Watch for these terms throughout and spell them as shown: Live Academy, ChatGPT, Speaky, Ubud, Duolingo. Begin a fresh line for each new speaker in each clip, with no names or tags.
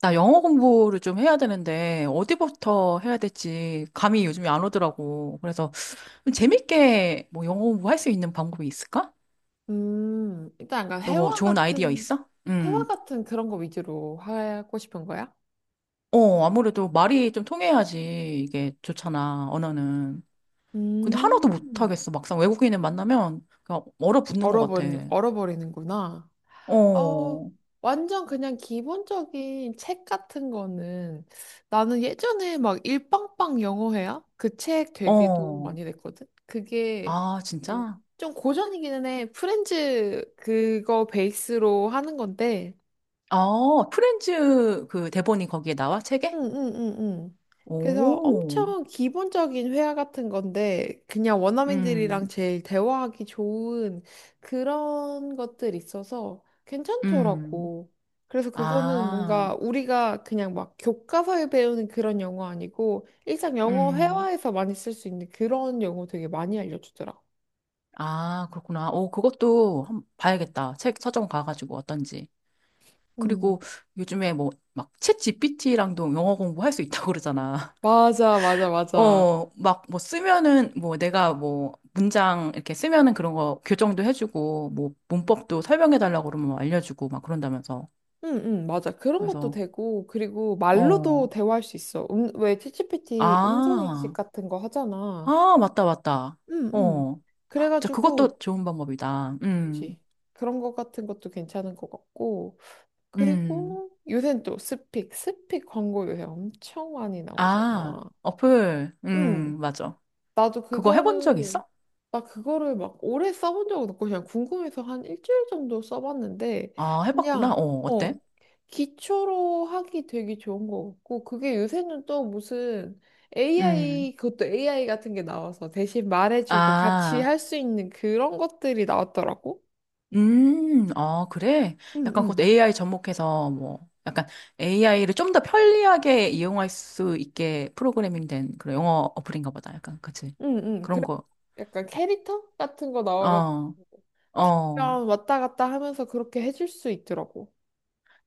나 영어 공부를 좀 해야 되는데, 어디부터 해야 될지 감이 요즘에 안 오더라고. 그래서 좀 재밌게 뭐 영어 공부할 수 있는 방법이 있을까?
일단 약간
너 뭐 좋은 아이디어 있어?
회화
음.
같은 그런 거 위주로 하고 싶은 거야?
어, 아무래도 말이 좀 통해야지 이게 좋잖아, 언어는. 근데 하나도
음,
못하겠어. 막상 외국인을 만나면 그냥 얼어붙는 것 같아.
얼어버리는구나. 어,
어,
완전 그냥 기본적인 책 같은 거는 나는 예전에 막 일빵빵 영어회화? 그 책 되게 도움
어.
많이 됐거든? 그게
아,
그-
진짜?
좀 고전이기는 해. 프렌즈 그거 베이스로 하는 건데
아, 프렌즈 그 대본이 거기에 나와, 책에?
응응응응. 그래서
오,
엄청 기본적인 회화 같은 건데 그냥 원어민들이랑
음,
제일 대화하기 좋은 그런 것들 있어서
음.
괜찮더라고. 그래서 그거는
아,
뭔가 우리가 그냥 막 교과서에 배우는 그런 영어 아니고 일상 영어
음,
회화에서 많이 쓸 수 있는 그런 영어 되게 많이 알려주더라.
아, 그렇구나. 오, 그것도 한번 봐야겠다. 책 서점 가가지고 어떤지.
음.
그리고 요즘에 뭐, 막, 챗 GPT랑도 영어 공부할 수 있다고 그러잖아.
맞아, 맞아, 맞아.
어, 막, 뭐, 쓰면은, 뭐, 내가 뭐, 문장 이렇게 쓰면은 그런 거 교정도 해주고, 뭐, 문법도 설명해달라고 그러면 뭐 알려주고, 막 그런다면서.
응, 응, 맞아. 그런 것도
그래서,
되고, 그리고 말로도
어,
대화할 수 있어. 왜 챗GPT 음성인식
아,
같은 거 하잖아.
아, 맞다, 맞다.
응, 응.
어, 진짜 그것도
그래가지고,
좋은 방법이다.
그치. 그런 거 같은 것도 괜찮은 것 같고,
음.
그리고 요새는 또 스픽 광고 요새 엄청 많이
아,
나오잖아.
어플.
응.
맞아.
나도
그거 해본 적
그거를
있어?
나 그거를 막 오래 써본 적은 없고 그냥 궁금해서 한 1주일 정도 써봤는데
아, 해봤구나.
그냥
어, 어때?
어 기초로 하기 되게 좋은 거 같고 그게 요새는 또 무슨
음.
AI 같은 게 나와서 대신 말해주고 같이
아,
할 수 있는 그런 것들이 나왔더라고.
아, 그래? 약간
응응
그것도 AI 접목해서 뭐, 약간 AI를 좀 더 편리하게 이용할 수 있게 프로그래밍 된 그런 영어 어플인가 보다. 약간, 그치?
응응 그
그런 거.
약간 캐릭터 같은 거 나와가지고
어, 어.
그냥 왔다 갔다 하면서 그렇게 해줄 수 있더라고.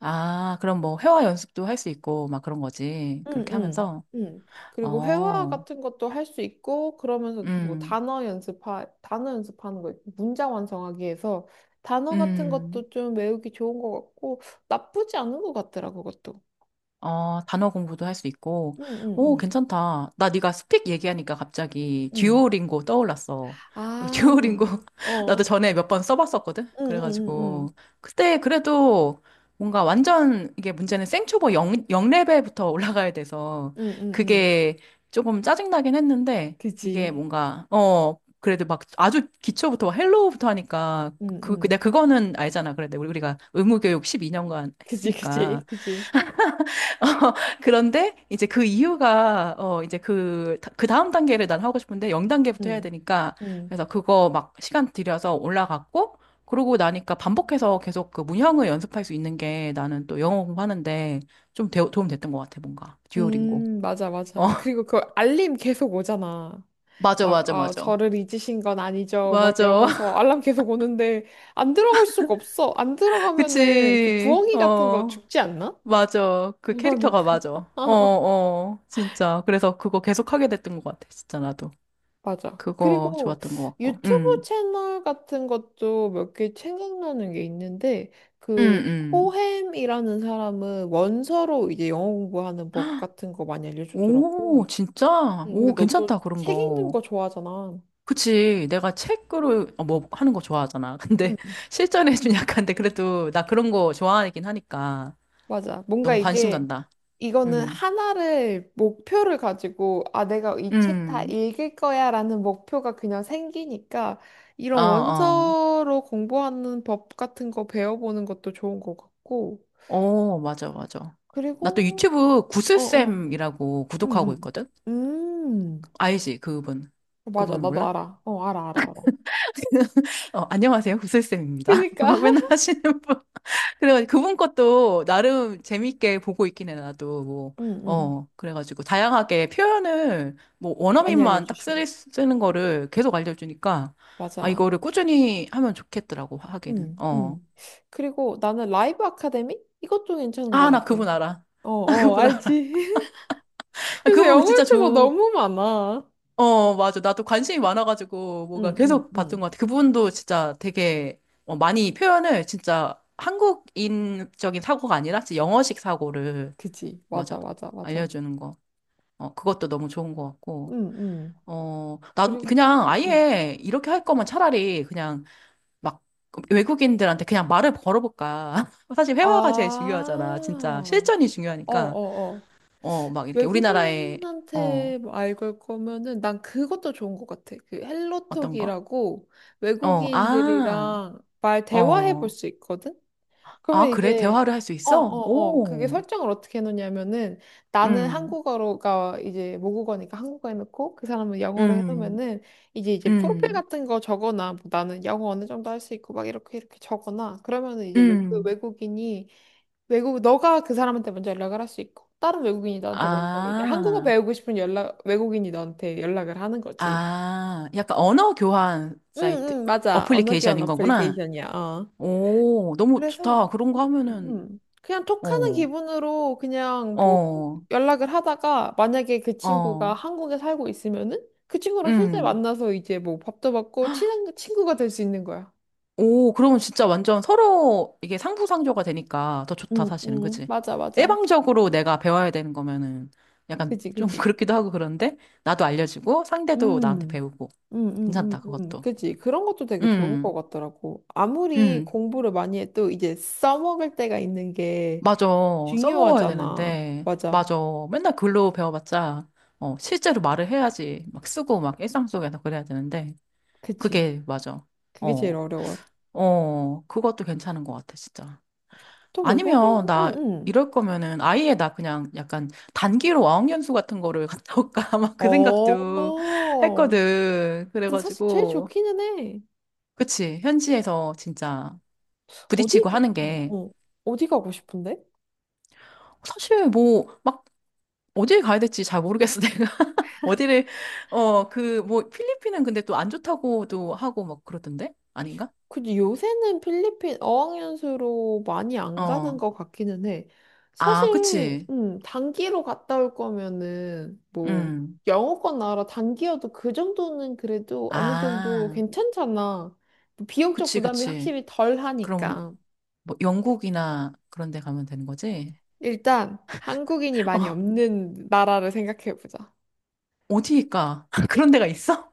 아, 그럼 뭐, 회화 연습도 할 수 있고, 막 그런 거지.
응,
그렇게
응,
하면서.
응. 그리고 회화
어,
같은 것도 할 수 있고, 그러면서 뭐
음,
단어 연습하는 거, 있고 문장 완성하기 위해서 단어 같은
음.
것도 좀 외우기 좋은 것 같고, 나쁘지 않은 것 같더라, 그것도.
어, 단어 공부도 할 수 있고.
응, 응,
오,
응,
괜찮다. 나 네가 스픽 얘기하니까 갑자기
응.
듀오링고 떠올랐어. 듀오링고
아,
나도
어.
전에 몇 번 써봤었거든.
응, 응, 응,
그래가지고
응.
그때 그래도 뭔가 완전 이게 문제는 생초보 영영레벨부터 올라가야 돼서
응, 응, 응.
그게 조금 짜증나긴 했는데 이게
그지.
뭔가 어 그래도 막 아주 기초부터 막 헬로우부터 하니까
응, 응.
내가 그거는 알잖아. 그래, 내가 우리가 의무교육 12년간
그지, 그지,
했으니까.
그지.
그런데 이제 그 이유가 어 이제 그 그 다음 단계를 난 하고 싶은데 0단계부터 해야
응,
되니까
응.
그래서 그거 막 시간 들여서 올라갔고 그러고 나니까 반복해서 계속 그 문형을 연습할 수 있는 게 나는 또 영어 공부하는데 좀 도움 됐던 것 같아 뭔가 듀오링고
맞아,
어
맞아. 그리고 그 알림 계속 오잖아.
맞아
막,
맞아
아,
맞아
저를 잊으신 건 아니죠. 막
맞아
이러면서 알람 계속 오는데, 안 들어갈 수가 없어. 안 들어가면은 그
그치
부엉이 같은 거
어
죽지 않나?
맞아 그 캐릭터가
그러니까.
맞아 어 어 진짜 그래서 그거 계속 하게 됐던 것 같아 진짜 나도
맞아.
그거
그리고
좋았던 것 같고
유튜브 채널 같은 것도 몇 개 생각나는 게 있는데,
응,
그,
응.
코햄이라는 사람은 원서로 이제 영어 공부하는 법 같은 거 많이 알려주더라고.
오, 진짜?
응, 근데
오,
너
괜찮다,
또
그런
책 읽는
거.
거 좋아하잖아.
그치. 내가 책으로 어, 뭐 하는 거 좋아하잖아. 근데
응,
실전에 좀 약한데, 그래도 나 그런 거 좋아하긴 하니까.
맞아. 뭔가
너무 관심
이게
간다.
이거는
응,
하나를 목표를 가지고 아 내가 이 책 다
응.
읽을 거야라는 목표가 그냥 생기니까
어,
이런
어.
원서로 공부하는 법 같은 거 배워보는 것도 좋은 것 같고
어, 맞아, 맞아. 나 또
그리고
유튜브
어어
구슬쌤이라고 구독하고
음음
있거든?
음
알지, 그분.
맞아
그분
나도
몰라?
알아 어 알아 알아 알아
어, 안녕하세요. 구슬쌤입니다.
그니까
막 맨날 하시는 분. 그래가지고 그분 것도 나름 재밌게 보고 있긴 해, 나도. 뭐,
응응
어, 그래가지고 다양하게 표현을 뭐
많이
원어민만 딱
알려주시오
쓰는 거를 계속 알려주니까 아,
맞아
이거를 꾸준히 하면 좋겠더라고, 하기는.
응
어.
응 그리고 나는 라이브 아카데미 이것도 괜찮은 것
아, 나
같아
그분 알아.
어
나
어
그분 알아.
알지
아,
그래서
그분
영어
진짜
유튜버
좋,
너무 많아.
어, 맞아. 나도 관심이 많아가지고 뭐가
응, 응,
계속 봤던
응.
것 같아. 그분도 진짜 되게 어, 많이 표현을 진짜 한국인적인 사고가 아니라 진짜 영어식 사고를
그지? 맞아,
맞아.
맞아, 맞아.
알려주는 거. 어, 그것도 너무 좋은 것
응,
같고.
응.
어, 나
그리고,
그냥
응, 응.
아예 이렇게 할 거면 차라리 그냥 막 외국인들한테 그냥 말을 걸어볼까. 사실 회화가 제일
아,
중요하잖아. 진짜 실전이
어,
중요하니까.
어, 어.
어, 막 이렇게 우리나라의 어,
외국인한테 뭐 알고 올 거면은 난 그것도 좋은 것 같아. 그
어떤 거?
헬로톡이라고
어, 아,
외국인들이랑 말 대화해 볼
어,
수 있거든?
아,
그러면
그래?
이제
대화를 할 수
어, 어,
있어?
어. 그게
오,
설정을 어떻게 해놓냐면은 나는
음,
한국어가 이제 모국어니까 한국어 해놓고 그 사람은 영어로
음,
해놓으면은 이제 프로필
음,
같은 거 적거나 뭐 나는 영어 어느 정도 할 수 있고 막 이렇게 이렇게 적거나 그러면은
음,
외국인이 외국 너가 그 사람한테 먼저 연락을 할 수 있고 다른 외국인이 나한테 먼저 이제 한국어
아,
배우고 싶은 연락 외국인이 너한테 연락을 하는 거지.
아, 약간 언어 교환
응,
사이트,
응, 맞아. 언어 교환
어플리케이션인 거구나.
어플리케이션이야.
오, 너무
그래서
좋다. 그런 거 하면은,
그냥 톡하는
어,
기분으로 그냥 뭐
어,
연락을 하다가 만약에 그 친구가
어,
한국에 살고 있으면은 그 친구랑 실제
음.
만나서 이제 뭐 밥도 먹고 친한 친구가 될 수 있는 거야.
오, 그러면 진짜 완전 서로 이게 상부상조가 되니까 더 좋다,
응,
사실은.
응,
그치?
맞아, 맞아.
일방적으로 내가 배워야 되는 거면은 약간
그지,
좀
그지.
그렇기도 하고 그런데 나도 알려주고 상대도 나한테
음,
배우고. 괜찮다, 그것도.
그지. 그런 것도 되게 좋은
음,
것 같더라고. 아무리
음.
공부를 많이 해도 이제 써먹을 때가 있는 게
맞아. 써먹어야
중요하잖아.
되는데.
맞아.
맞아. 맨날 글로 배워봤자, 어, 실제로 말을 해야지. 막 쓰고 막 일상 속에서 그래야 되는데.
그지.
그게 맞아.
그게 제일
어,
어려워.
어, 그것도 괜찮은 것 같아, 진짜.
또
아니면
외국인,
나
응, 응.
이럴 거면은 아예 나 그냥 약간 단기로 어학연수 같은 거를 갔다 올까 막 그 생각도
어.
했거든.
근데 사실 제일
그래가지고
좋기는 해.
그치 현지에서 진짜
어디,
부딪히고 하는
어,
게
어. 어디 가고 싶은데?
사실 뭐 막 어디 가야 될지 잘 모르겠어 내가 어디를 어 그 뭐 필리핀은 근데 또 안 좋다고도 하고 막 그러던데 아닌가?
근데 요새는 필리핀 어학연수로 많이 안 가는
어,
것 같기는 해.
아,
사실,
그치.
단기로 갔다 올 거면은, 뭐,
음.
영어권 나라 단기여도 그 정도는 그래도 어느 정도
아.
괜찮잖아. 뭐 비용적
그치,
부담이
그치.
확실히 덜
그럼
하니까.
뭐 영국이나 그런 데 가면 되는 거지?
일단, 한국인이 많이
어,
없는 나라를 생각해보자.
어디일까? 그런 데가 있어?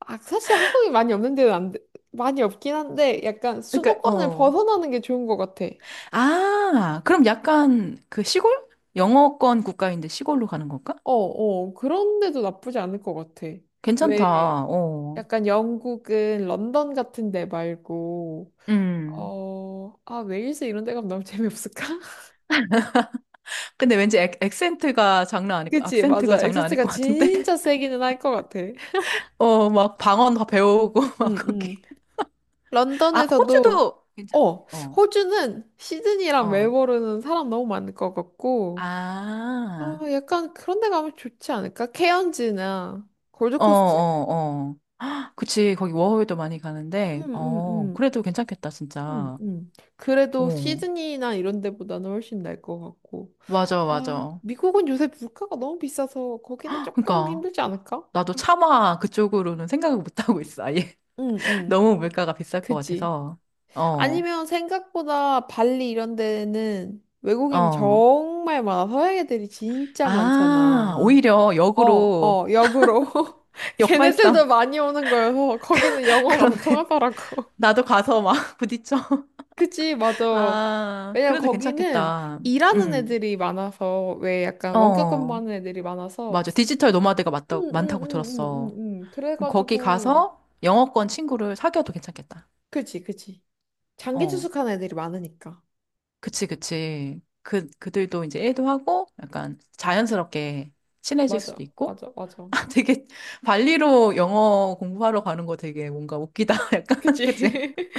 아, 사실 한국이 많이 없는 데는 안, 돼- 많이 없긴 한데 약간
그러니까
수도권을
어.
벗어나는 게 좋은 것 같아.
아, 그럼 약간 그 시골? 영어권 국가인데 시골로 가는 걸까?
어, 어, 그런데도 나쁘지 않을 것 같아.
괜찮다.
왜
어.
약간 영국은 런던 같은 데 말고
음.
어, 아, 웨일스 이런 데 가면 너무 재미없을까?
근데 왠지 액, 액센트가 장난 아닐 거,
그치,
악센트가
맞아.
장난 아닐
액센트가
것 같은데?
진짜 세기는 할 것 같아.
어, 막 방언 다 배우고 막
응, 응.
거기. 아,
런던에서도,
호주도 괜찮.
어,
어.
호주는 시드니랑
어.
멜버른은 사람 너무 많을 것 같고, 어,
아.
약간 그런 데 가면 좋지 않을까? 케언즈나
어,
골드코스트?
어, 어. 그치, 거기 워홀도 많이
응
가는데,
응응
어, 그래도 괜찮겠다,
응
진짜.
응 그래도
어,
시드니나 이런 데보다는 훨씬 나을 것 같고.
맞아,
아,
맞아.
미국은 요새 물가가 너무 비싸서 거기는 조금
그러니까,
힘들지 않을까?
나도 차마 그쪽으로는 생각을 못 하고 있어, 아예.
응, 응.
너무 물가가 비쌀 것
그지.
같아서. 어,
아니면 생각보다 발리 이런 데는 외국인이
어.
정말 많아. 서양 애들이 진짜
아,
많잖아.
오히려
어,
역으로,
어, 역으로.
역발상.
걔네들도 많이 오는 거여서 거기는 영어가 더
그러네.
통하더라고.
나도 가서 막 부딪혀.
그치, 맞아.
아,
왜냐면
그래도
거기는
괜찮겠다.
일하는
음,
애들이 많아서, 왜 약간 원격
어,
근무하는 애들이 많아서,
맞아. 디지털 노마드가
응,
맞다,
응, 응,
많다고
응,
들었어.
응, 응.
거기
그래가지고,
가서 영어권 친구를 사귀어도 괜찮겠다.
그치, 그치. 장기
어,
투숙하는 애들이 많으니까.
그치, 그치. 그, 그들도 이제 일도 하고 약간 자연스럽게 친해질
맞아,
수도 있고.
맞아, 맞아.
아, 되게 발리로 영어 공부하러 가는 거 되게 뭔가 웃기다. 약간,
그치.
그치?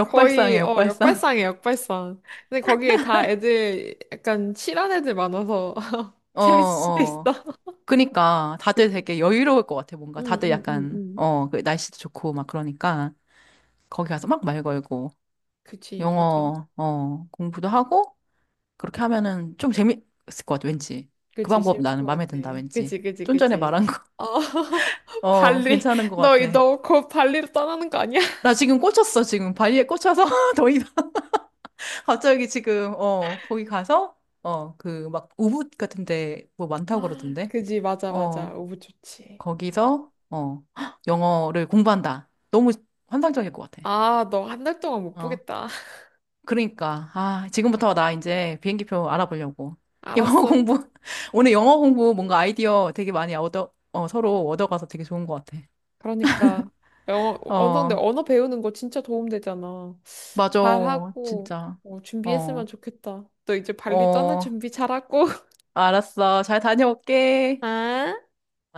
거의, 어,
역발상.
역발상이야, 역발상. 근데 거기에 다 애들, 약간 칠한 애들 많아서,
어,
재밌을 수도 있어.
어. 그니까 다들
그치.
되게 여유로울 것 같아. 뭔가
응,
다들
응, 응,
약간,
응.
어, 그 날씨도 좋고 막 그러니까 거기 가서 막 말 걸고
그치, 맞아.
영어, 어, 공부도 하고 그렇게 하면은 좀 재밌을 것 같아, 왠지. 그
그치,
방법
재밌을
나는
것
마음에
같아.
든다, 왠지.
그치, 그치,
좀 전에
그치.
말한 거.
어,
어,
발리,
괜찮은 것 같아.
너, 곧 발리로 떠나는 거 아니야?
나 지금 꽂혔어, 지금. 발리에 꽂혀서 더 이상 갑자기 지금, 어, 거기 가서, 어, 그, 막, 우붓 같은 데 뭐 많다고
아
그러던데.
그지, 맞아, 맞아.
어,
너무 좋지.
거기서, 어, 영어를 공부한다. 너무 환상적일 것 같아.
아, 너 1달 동안 못
어,
보겠다.
그러니까. 아, 지금부터 나 이제 비행기표 알아보려고. 영어
알았어.
공부, 오늘 영어 공부 뭔가 아이디어 되게 많이 얻어, 어, 서로 얻어가서 되게 좋은 것 같아.
그러니까. 어, 근데
어,
언어 배우는 거 진짜 도움 되잖아.
맞아.
잘하고,
진짜.
어, 준비했으면
어.
좋겠다. 너 이제 발리 떠날
어,
준비 잘하고.
알았어. 잘 다녀올게.
아.